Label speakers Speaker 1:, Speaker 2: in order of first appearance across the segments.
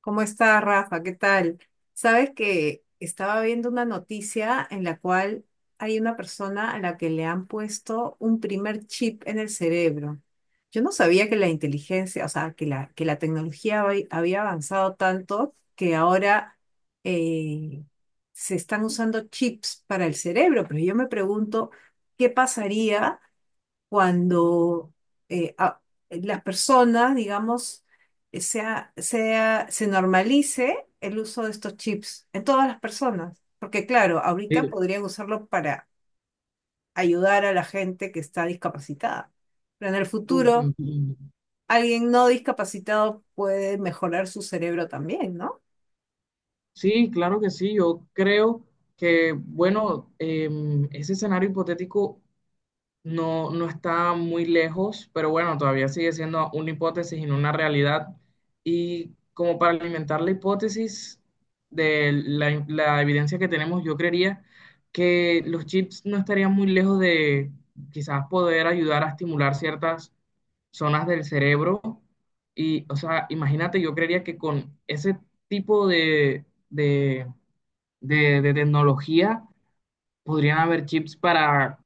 Speaker 1: ¿Cómo estás, Rafa? ¿Qué tal? Sabes que estaba viendo una noticia en la cual hay una persona a la que le han puesto un primer chip en el cerebro. Yo no sabía que la inteligencia, o sea, que la tecnología había avanzado tanto que ahora eh, se están usando chips para el cerebro, pero yo me pregunto, ¿qué pasaría cuando eh, a- las personas, digamos, se normalice el uso de estos chips en todas las personas? Porque claro,
Speaker 2: Sí,
Speaker 1: ahorita podrían usarlo para ayudar a la gente que está discapacitada, pero en el
Speaker 2: uf,
Speaker 1: futuro
Speaker 2: entiendo.
Speaker 1: alguien no discapacitado puede mejorar su cerebro también, ¿no?
Speaker 2: Sí, claro que sí. Yo creo que, bueno, ese escenario hipotético no, no está muy lejos, pero bueno, todavía sigue siendo una hipótesis y no una realidad. Y como para alimentar la hipótesis de la evidencia que tenemos, yo creería que los chips no estarían muy lejos de quizás poder ayudar a estimular ciertas zonas del cerebro. Y, o sea, imagínate, yo creería que con ese tipo de, de tecnología podrían haber chips para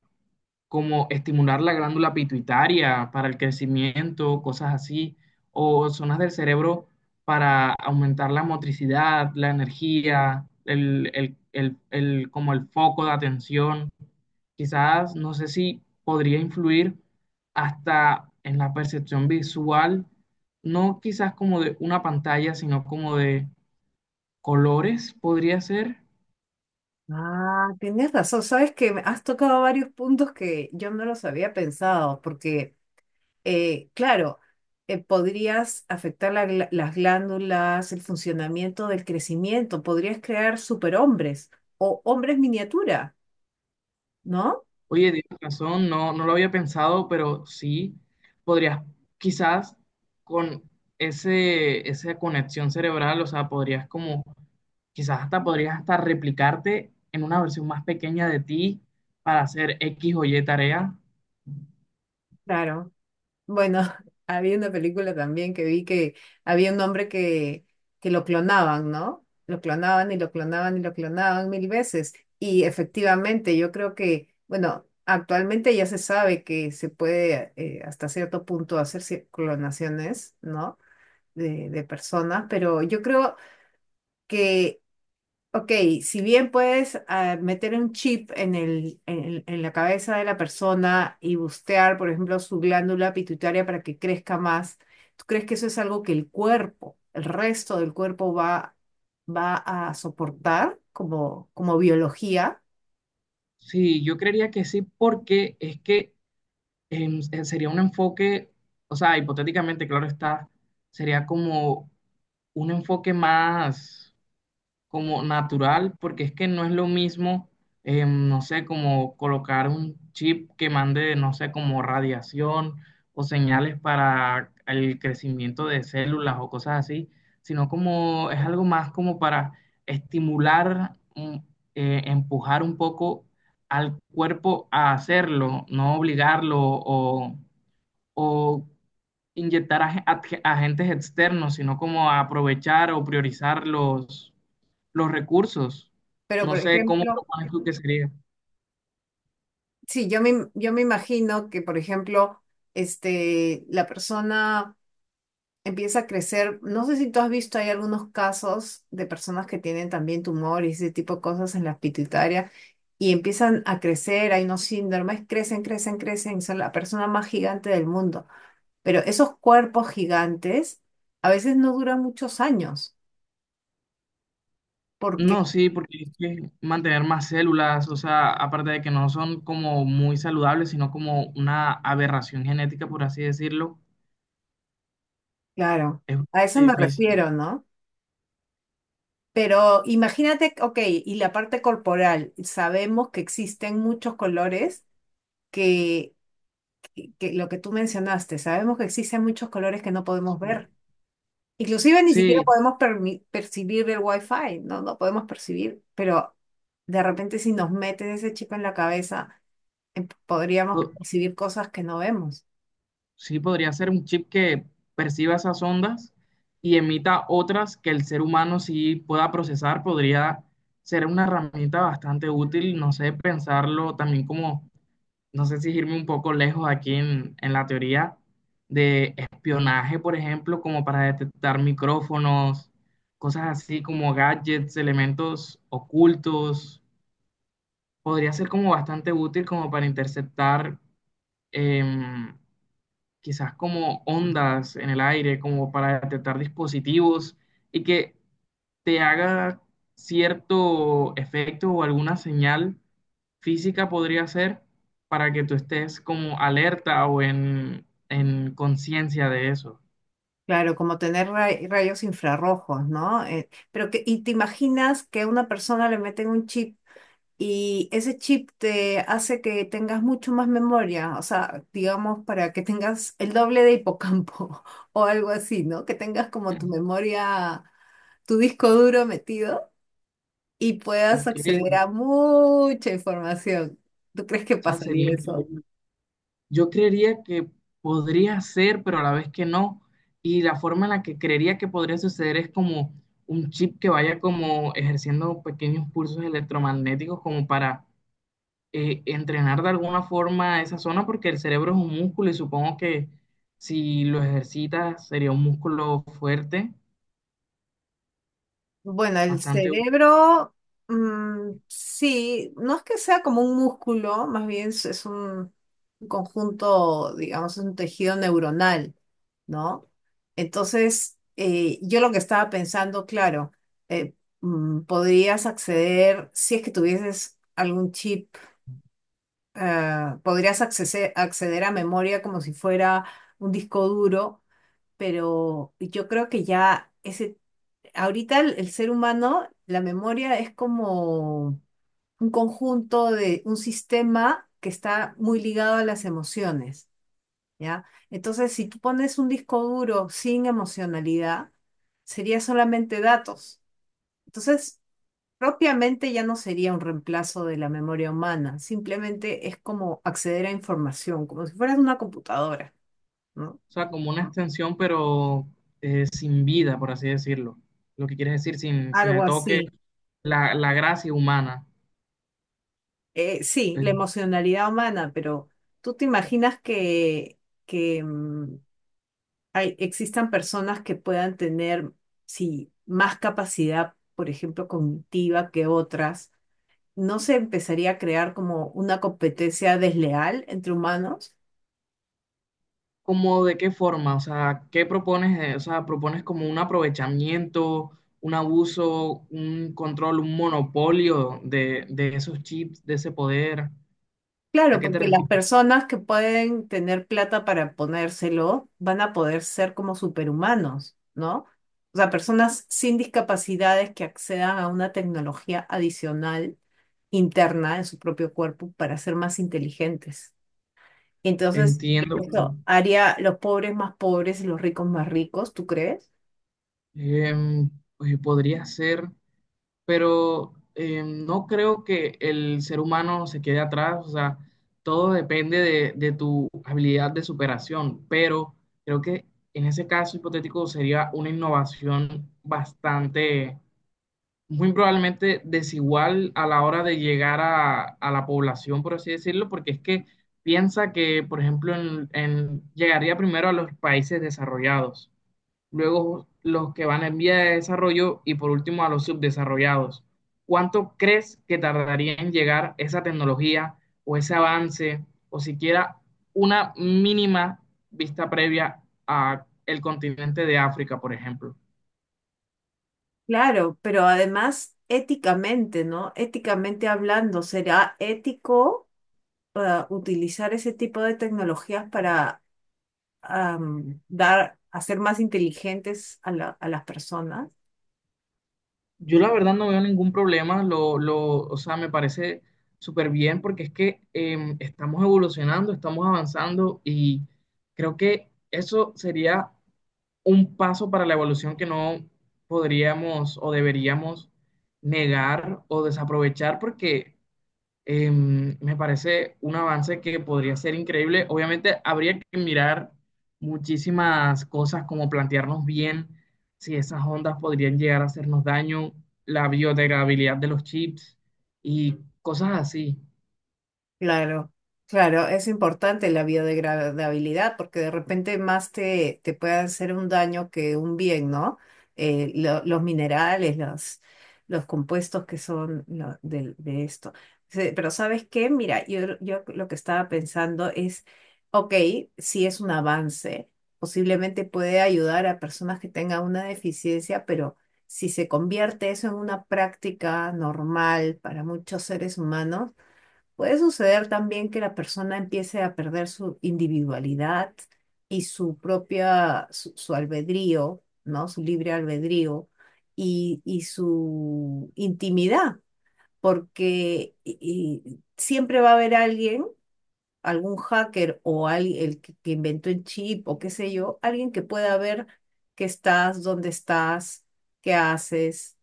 Speaker 2: como estimular la glándula pituitaria para el crecimiento, cosas así, o zonas del cerebro para aumentar la motricidad, la energía, como el foco de atención. Quizás, no sé si podría influir hasta en la percepción visual, no quizás como de una pantalla, sino como de colores, podría ser.
Speaker 1: Ah, tienes razón. Sabes que me has tocado varios puntos que yo no los había pensado, porque claro, podrías afectar la las glándulas, el funcionamiento del crecimiento, podrías crear superhombres o hombres miniatura, ¿no?
Speaker 2: Oye, tienes razón, no, no lo había pensado, pero sí, podrías quizás con esa conexión cerebral, o sea, podrías como, quizás hasta podrías hasta replicarte en una versión más pequeña de ti para hacer X o Y tarea.
Speaker 1: Claro. Bueno, había una película también que vi que había un hombre que lo clonaban, ¿no? Lo clonaban y lo clonaban y lo clonaban mil veces. Y efectivamente, yo creo que, bueno, actualmente ya se sabe que se puede hasta cierto punto hacer clonaciones, ¿no? De personas, pero yo creo que, ok, si bien puedes meter un chip en en la cabeza de la persona y bustear, por ejemplo, su glándula pituitaria para que crezca más, ¿tú crees que eso es algo que el cuerpo, el resto del cuerpo va, va a soportar como, como biología?
Speaker 2: Sí, yo creería que sí, porque es que sería un enfoque, o sea, hipotéticamente, claro está, sería como un enfoque más como natural, porque es que no es lo mismo, no sé, como colocar un chip que mande, no sé, como radiación o señales para el crecimiento de células o cosas así, sino como es algo más como para estimular, empujar un poco al cuerpo a hacerlo, no obligarlo o inyectar agentes externos, sino como aprovechar o priorizar los recursos.
Speaker 1: Pero,
Speaker 2: No
Speaker 1: por
Speaker 2: sé cómo
Speaker 1: ejemplo,
Speaker 2: propones tú que sería.
Speaker 1: sí, yo me imagino que, por ejemplo, este, la persona empieza a crecer. No sé si tú has visto, hay algunos casos de personas que tienen también tumor y ese tipo de cosas en la pituitaria y empiezan a crecer, hay unos síndromes, crecen, crecen, crecen, son la persona más gigante del mundo. Pero esos cuerpos gigantes a veces no duran muchos años, porque,
Speaker 2: No, sí, porque es que mantener más células, o sea, aparte de que no son como muy saludables, sino como una aberración genética, por así decirlo,
Speaker 1: claro,
Speaker 2: es bastante
Speaker 1: a eso me
Speaker 2: difícil.
Speaker 1: refiero, ¿no? Pero imagínate, ok, y la parte corporal, sabemos que existen muchos colores que que lo que tú mencionaste, sabemos que existen muchos colores que no podemos
Speaker 2: Sí,
Speaker 1: ver. Inclusive ni siquiera
Speaker 2: sí,
Speaker 1: podemos percibir el wifi, no, no podemos percibir, pero de repente si nos meten ese chip en la cabeza, podríamos
Speaker 2: o-
Speaker 1: percibir cosas que no vemos.
Speaker 2: sí, podría ser un chip que perciba esas ondas y emita otras que el ser humano sí pueda procesar. Podría ser una herramienta bastante útil, no sé, pensarlo también como, no sé si irme un poco lejos aquí en la teoría de espionaje, por ejemplo, como para detectar micrófonos, cosas así como gadgets, elementos ocultos. Podría ser como bastante útil como para interceptar. em, Quizás como ondas en el aire, como para detectar dispositivos y que te haga cierto efecto o alguna señal física podría ser para que tú estés como alerta o en conciencia de eso.
Speaker 1: Claro, como tener rayos infrarrojos, ¿no? Y te imaginas que a una persona le meten un chip. Y ese chip te hace que tengas mucho más memoria, o sea, digamos, para que tengas el doble de hipocampo o algo así, ¿no? Que tengas como tu memoria, tu disco duro metido y puedas
Speaker 2: Ok, o
Speaker 1: acceder a mucha información. ¿Tú crees que
Speaker 2: sea, sería
Speaker 1: pasaría eso?
Speaker 2: increíble. Yo creería que podría ser, pero a la vez que no. Y la forma en la que creería que podría suceder es como un chip que vaya como ejerciendo pequeños pulsos electromagnéticos como para entrenar de alguna forma esa zona, porque el cerebro es un músculo y supongo que si lo ejercitas sería un músculo fuerte,
Speaker 1: Bueno, el
Speaker 2: bastante, o
Speaker 1: cerebro, mm, sí, no es que sea como un músculo, más bien es un conjunto, digamos, es un tejido neuronal, ¿no? Entonces, yo lo que estaba pensando, claro, eh, podrías acceder, si es que tuvieses algún chip, podrías acceder a memoria como si fuera un disco duro, pero yo creo que ya... Ese ahorita el ser humano, la memoria es como un conjunto de un sistema que está muy ligado a las emociones, ¿ya? Entonces, si tú pones un disco duro sin emocionalidad, sería solamente datos. Entonces, propiamente ya no sería un reemplazo de la memoria humana, simplemente es como acceder a información, como si fueras una computadora, ¿no?
Speaker 2: sea, como una extensión, pero sin vida, por así decirlo. Lo que quiere decir, sin
Speaker 1: Algo
Speaker 2: el toque,
Speaker 1: así.
Speaker 2: la gracia humana.
Speaker 1: Sí, la emocionalidad humana, pero ¿tú te imaginas que mm, existan personas que puedan tener, sí, más capacidad, por ejemplo, cognitiva que otras? ¿No se empezaría a crear como una competencia desleal entre humanos?
Speaker 2: ¿Cómo de qué forma? O sea, ¿qué propones? O sea, ¿propones como un aprovechamiento, un abuso, un control, un monopolio de esos chips, de ese poder? ¿A
Speaker 1: Claro,
Speaker 2: qué te
Speaker 1: porque las
Speaker 2: refieres?
Speaker 1: personas que pueden tener plata para ponérselo van a poder ser como superhumanos, ¿no? O sea, personas sin discapacidades que accedan a una tecnología adicional interna en su propio cuerpo para ser más inteligentes. Entonces,
Speaker 2: Entiendo.
Speaker 1: eso haría los pobres más pobres y los ricos más ricos, ¿tú crees?
Speaker 2: em, pues podría ser, pero no creo que el ser humano se quede atrás. O sea, todo depende de tu habilidad de superación, pero creo que en ese caso hipotético sería una innovación bastante muy probablemente desigual a la hora de llegar a la población, por así decirlo, porque es que piensa que, por ejemplo, llegaría primero a los países desarrollados, luego los que van en vía de desarrollo y por último a los subdesarrollados. ¿Cuánto crees que tardaría en llegar esa tecnología o ese avance o siquiera una mínima vista previa a el continente de África, por ejemplo?
Speaker 1: Claro, pero además éticamente, ¿no? Éticamente hablando, ¿será ético utilizar ese tipo de tecnologías para hacer más inteligentes a a las personas?
Speaker 2: Yo la verdad no veo ningún problema, o sea, me parece súper bien porque es que estamos evolucionando, estamos avanzando y creo que eso sería un paso para la evolución que no podríamos o deberíamos negar o desaprovechar porque me parece un avance que podría ser increíble. Obviamente habría que mirar muchísimas cosas como plantearnos bien si esas ondas podrían llegar a hacernos daño, la biodegradabilidad de los chips y cosas así.
Speaker 1: Claro, claro, es importante la biodegradabilidad porque de repente más te puede hacer un daño que un bien, ¿no? Los minerales, los compuestos que son esto. Pero ¿sabes qué? Mira, yo lo que estaba pensando es, ok, si es un avance, posiblemente puede ayudar a personas que tengan una deficiencia, pero si se convierte eso en una práctica normal para muchos seres humanos, puede suceder también que la persona empiece a perder su individualidad y su propia, su albedrío, ¿no? Su libre albedrío y su intimidad, porque y- y siempre va a haber alguien, algún hacker o el que inventó el chip o qué sé yo, alguien que pueda ver que estás, dónde estás, qué haces.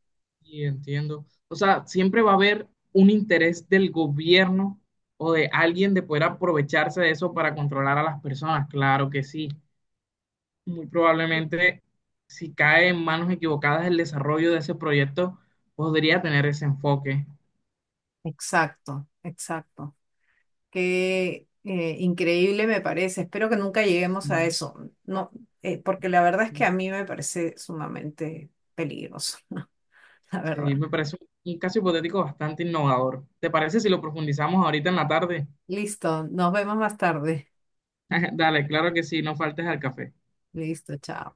Speaker 2: Y entiendo. O sea, siempre va a haber un interés del gobierno o de alguien de poder aprovecharse de eso para controlar a las personas. Claro que sí. Muy probablemente, si cae en manos equivocadas el desarrollo de ese proyecto, podría tener ese enfoque.
Speaker 1: Exacto, exacto. Qué increíble me parece. Espero que nunca
Speaker 2: Sí,
Speaker 1: lleguemos a eso. No, porque la verdad es que a mí me parece sumamente peligroso, la
Speaker 2: sí,
Speaker 1: verdad.
Speaker 2: me parece un caso hipotético bastante innovador. ¿Te parece si lo profundizamos ahorita en la tarde?
Speaker 1: Listo, nos vemos más tarde.
Speaker 2: Dale, claro que sí, no faltes al café.
Speaker 1: Listo, chao.